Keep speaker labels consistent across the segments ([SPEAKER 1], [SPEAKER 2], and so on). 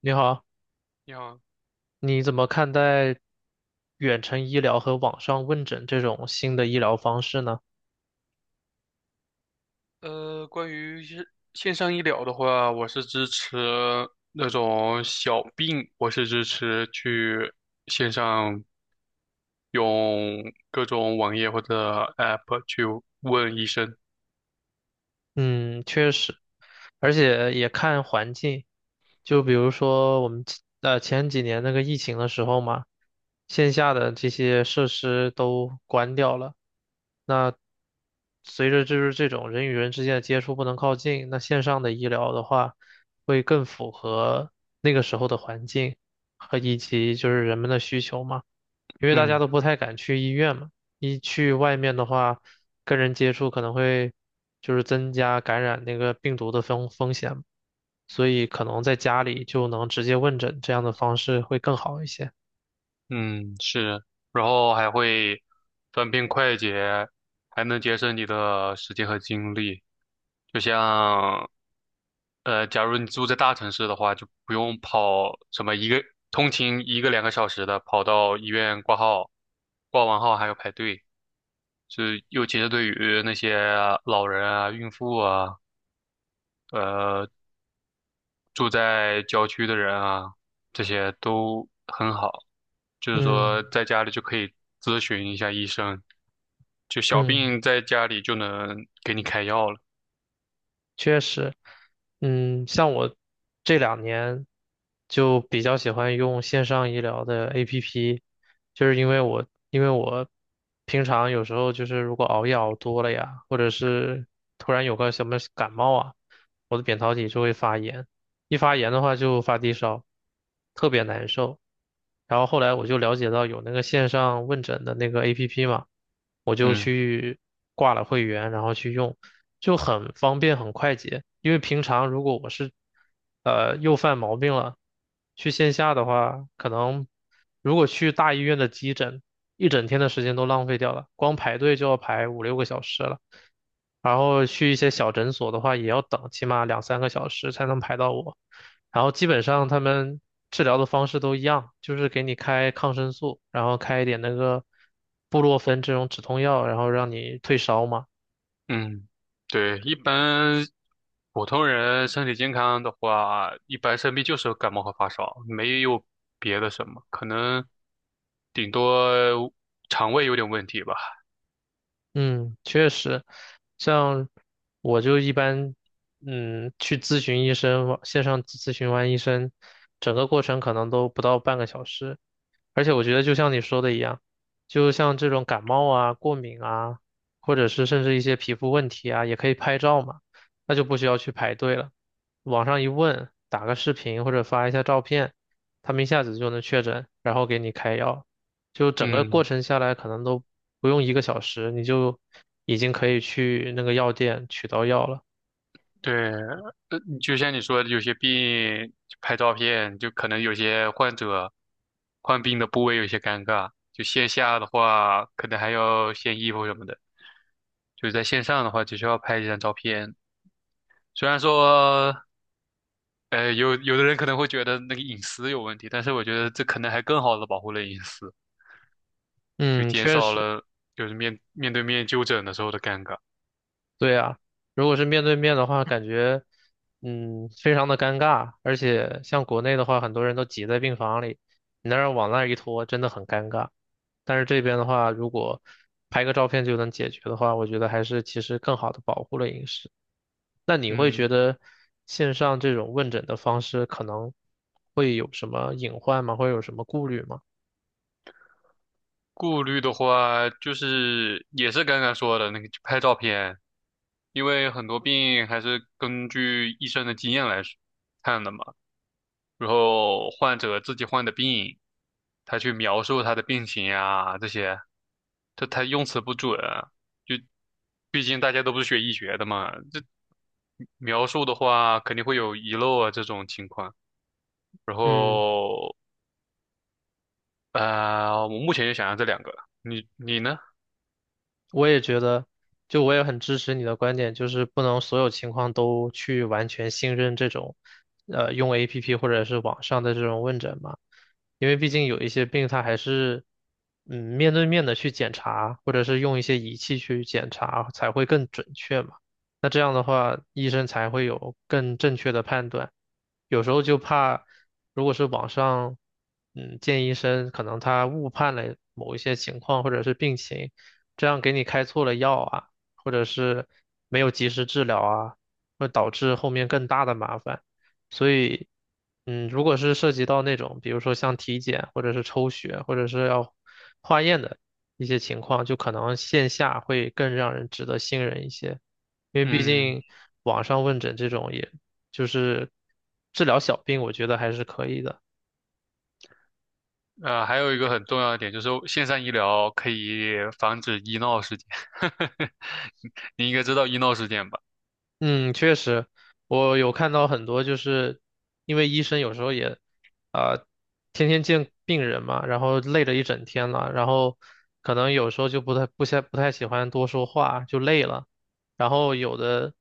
[SPEAKER 1] 你好，
[SPEAKER 2] 你好。
[SPEAKER 1] 你怎么看待远程医疗和网上问诊这种新的医疗方式呢？
[SPEAKER 2] 关于线上医疗的话，我是支持那种小病，我是支持去线上用各种网页或者 App 去问医生。
[SPEAKER 1] 嗯，确实，而且也看环境，就比如说我们前几年那个疫情的时候嘛，线下的这些设施都关掉了，那随着就是这种人与人之间的接触不能靠近，那线上的医疗的话，会跟那个时候的环境和以及就是人们的需求嘛。因为大
[SPEAKER 2] 嗯
[SPEAKER 1] 家都不太敢去医院嘛，一去外面的话，跟人接触可能会就是增加感染那个病毒的风险，所以可能在家里就能直接问诊，这样的方式会更好一些。
[SPEAKER 2] 嗯，是，然后还会方便快捷，还能节省你的时间和精力。就像假如你住在大城市的话，就不用跑什么一个通勤一个两个小时的，跑到医院挂号，挂完号还要排队。是，尤其是对于那些老人啊、孕妇啊、呃住在郊区的人啊，这些都很好。就是说，
[SPEAKER 1] 嗯
[SPEAKER 2] 在家里就可以咨询一下医生，就小
[SPEAKER 1] 嗯。
[SPEAKER 2] 病在家里就能给你开药了。
[SPEAKER 1] 确实，嗯，像我这两年就比较喜欢用线上医疗的 APP，就是因为我平常有时候就是如果熬夜熬多了呀，或者是突然有个什么感冒啊，我的扁桃体就会发炎，一发炎的话就发低烧，特别难受。然后后来我就了解到有那个线上问诊的那个 APP 嘛，我就
[SPEAKER 2] 嗯。
[SPEAKER 1] 去挂了会员，然后去用，就很方便很快捷。因为平常如果我是又犯毛病了，去线下的话，可能如果去大医院的急诊，一整天的时间都浪费掉了，光排队就要排5、6个小时了。然后去一些小诊所的话，也要等起码2、3个小时才能排到我。然后基本上他们治疗的方式都一样，就是给你开抗生素，然后开一点那个布洛芬这种止痛药，然后让你退烧嘛。
[SPEAKER 2] 嗯，对，一般普通人身体健康的话，一般生病就是感冒和发烧，没有别的什么，可能顶多肠胃有点问题吧。
[SPEAKER 1] 嗯，确实，像我就一般，去咨询医生，网线上咨询完医生，整个过程可能都不到半个小时，而且我觉得就像你说的一样，就像这种感冒啊、过敏啊，或者是甚至一些皮肤问题啊，也可以拍照嘛，那就不需要去排队了。网上一问，打个视频或者发一下照片，他们一下子就能确诊，然后给你开药。就整个过
[SPEAKER 2] 嗯，
[SPEAKER 1] 程下来，可能都不用一个小时，你就已经可以去那个药店取到药了。
[SPEAKER 2] 对，就像你说的，有些病拍照片，就可能有些患者患病的部位有些尴尬，就线下的话，可能还要献衣服什么的，就是在线上的话，只需要拍一张照片。虽然说有的人可能会觉得那个隐私有问题，但是我觉得这可能还更好的保护了隐私，就
[SPEAKER 1] 嗯，
[SPEAKER 2] 减
[SPEAKER 1] 确
[SPEAKER 2] 少
[SPEAKER 1] 实。
[SPEAKER 2] 了就是面对面就诊的时候的尴尬。
[SPEAKER 1] 对啊，如果是面对面的话，感觉非常的尴尬，而且像国内的话，很多人都挤在病房里，你那儿往那儿一拖，真的很尴尬。但是这边的话，如果拍个照片就能解决的话，我觉得还是其实更好的保护了隐私。那你会
[SPEAKER 2] 嗯，
[SPEAKER 1] 觉得线上这种问诊的方式可能会有什么隐患吗？会有什么顾虑吗？
[SPEAKER 2] 顾虑的话就是也是刚刚说的那个拍照片，因为很多病还是根据医生的经验来看的嘛。然后患者自己患的病，他去描述他的病情啊，这些，这他用词不准，就毕竟大家都不是学医学的嘛，这描述的话肯定会有遗漏啊这种情况。然
[SPEAKER 1] 嗯。
[SPEAKER 2] 后，我目前就想要这两个，你呢？
[SPEAKER 1] 我也觉得，就我也很支持你的观点，就是不能所有情况都去完全信任这种，用 APP 或者是网上的这种问诊嘛，因为毕竟有一些病它还是，面对面的去检查，或者是用一些仪器去检查才会更准确嘛。那这样的话，医生才会有更正确的判断。有时候就怕，如果是网上，见医生，可能他误判了某一些情况或者是病情。这样给你开错了药啊，或者是没有及时治疗啊，会导致后面更大的麻烦。所以，如果是涉及到那种，比如说像体检或者是抽血或者是要化验的一些情况，就可能线下会更让人值得信任一些，因为毕
[SPEAKER 2] 嗯，
[SPEAKER 1] 竟网上问诊这种也就是治疗小病，我觉得还是可以的。
[SPEAKER 2] 还有一个很重要的点就是线上医疗可以防止医闹事件，你应该知道医闹事件吧？
[SPEAKER 1] 嗯，确实，我有看到很多，就是因为医生有时候也，啊、天天见病人嘛，然后累了一整天了，然后可能有时候就不太喜欢多说话，就累了，然后有的，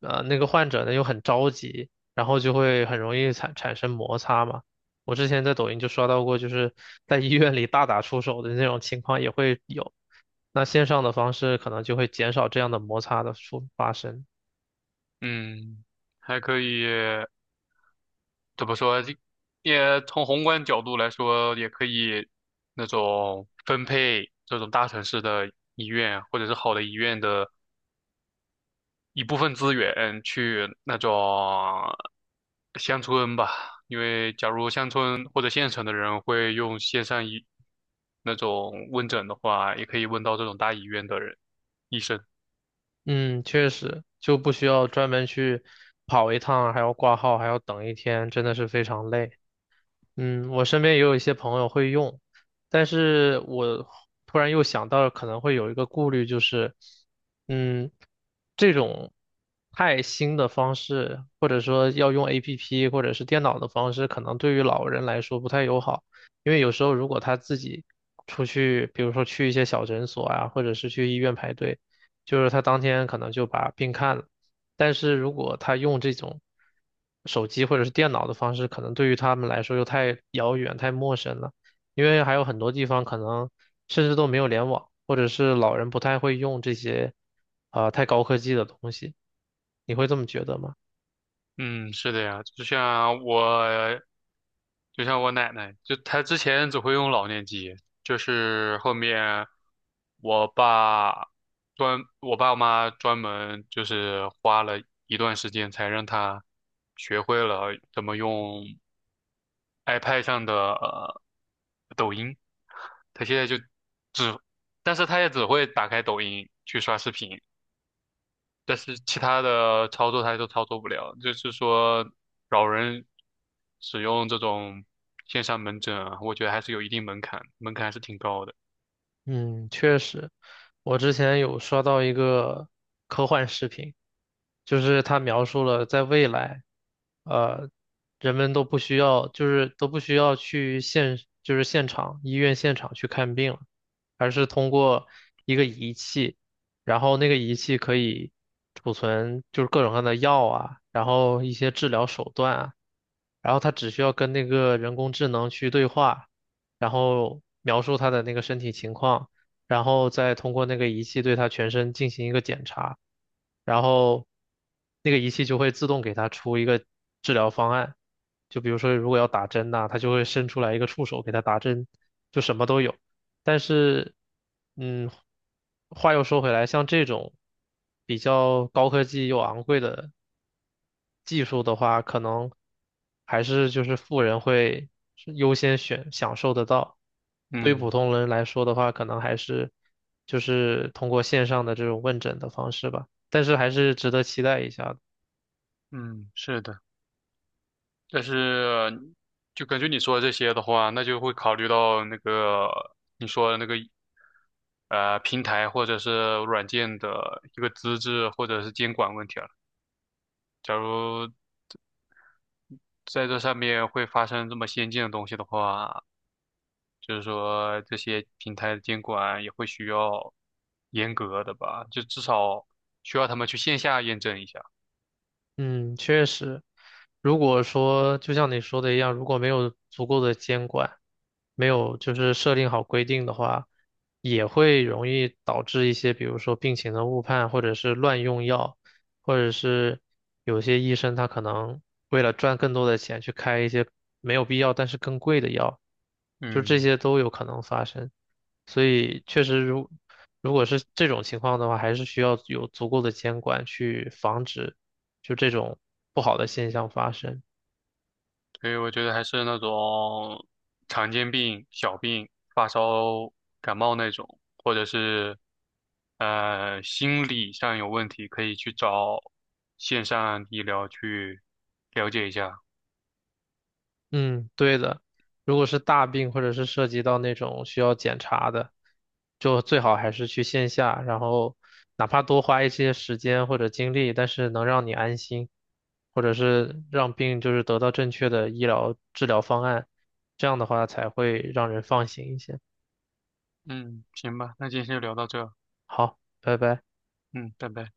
[SPEAKER 1] 那个患者呢又很着急，然后就会很容易产生摩擦嘛。我之前在抖音就刷到过，就是在医院里大打出手的那种情况也会有，那线上的方式可能就会减少这样的摩擦的发生。
[SPEAKER 2] 嗯，还可以。怎么说，这也从宏观角度来说，也可以那种分配这种大城市的医院或者是好的医院的一部分资源去那种乡村吧，因为假如乡村或者县城的人会用线上医那种问诊的话，也可以问到这种大医院的人。医生。
[SPEAKER 1] 嗯，确实就不需要专门去跑一趟，还要挂号，还要等一天，真的是非常累。嗯，我身边也有一些朋友会用，但是我突然又想到，可能会有一个顾虑，就是，嗯。这种太新的方式，或者说要用 APP 或者是电脑的方式，可能对于老人来说不太友好，因为有时候如果他自己出去，比如说去一些小诊所啊，或者是去医院排队，就是他当天可能就把病看了，但是如果他用这种手机或者是电脑的方式，可能对于他们来说又太遥远、太陌生了。因为还有很多地方可能甚至都没有联网，或者是老人不太会用这些，太高科技的东西。你会这么觉得吗？
[SPEAKER 2] 嗯，是的呀，就像我，就像我奶奶，就她之前只会用老年机，就是后面我爸专，我爸妈专门就是花了一段时间才让她学会了怎么用 iPad 上的抖音，她现在就只，但是她也只会打开抖音去刷视频。但是其他的操作它都操作不了，就是说老人使用这种线上门诊啊，我觉得还是有一定门槛，门槛还是挺高的。
[SPEAKER 1] 嗯，确实，我之前有刷到一个科幻视频，就是他描述了在未来，呃，人们都不需要，就是都不需要去就是现场，医院现场去看病了，而是通过一个仪器，然后那个仪器可以储存就是各种各样的药啊，然后一些治疗手段啊，然后它只需要跟那个人工智能去对话。然后描述他的那个身体情况，然后再通过那个仪器对他全身进行一个检查，然后那个仪器就会自动给他出一个治疗方案。就比如说，如果要打针呐、它就会伸出来一个触手给他打针，就什么都有。但是，嗯，话又说回来，像这种比较高科技又昂贵的技术的话，可能还是就是富人会是优先选享受得到。对于普
[SPEAKER 2] 嗯
[SPEAKER 1] 通人来说的话，可能还是就是通过线上的这种问诊的方式吧，但是还是值得期待一下的。
[SPEAKER 2] 嗯，是的，但是就根据你说的这些的话，那就会考虑到那个你说的那个平台或者是软件的一个资质或者是监管问题了。假如在这上面会发生这么先进的东西的话，就是说这些平台的监管也会需要严格的吧，就至少需要他们去线下验证一下。
[SPEAKER 1] 嗯，确实，如果说就像你说的一样，如果没有足够的监管，没有就是设定好规定的话，也会容易导致一些，比如说病情的误判，或者是乱用药，或者是有些医生他可能为了赚更多的钱去开一些没有必要但是更贵的药，就这
[SPEAKER 2] 嗯，
[SPEAKER 1] 些都有可能发生。所以确实如果是这种情况的话，还是需要有足够的监管去防止。就这种不好的现象发生。
[SPEAKER 2] 所以我觉得还是那种常见病、小病、发烧、感冒那种，或者是心理上有问题，可以去找线上医疗去了解一下。
[SPEAKER 1] 嗯，对的。如果是大病或者是涉及到那种需要检查的，就最好还是去线下，然后哪怕多花一些时间或者精力，但是能让你安心，或者是让病就是得到正确的医疗治疗方案，这样的话才会让人放心一些。
[SPEAKER 2] 嗯，行吧，那今天就聊到这儿。
[SPEAKER 1] 好，拜拜。
[SPEAKER 2] 嗯，拜拜。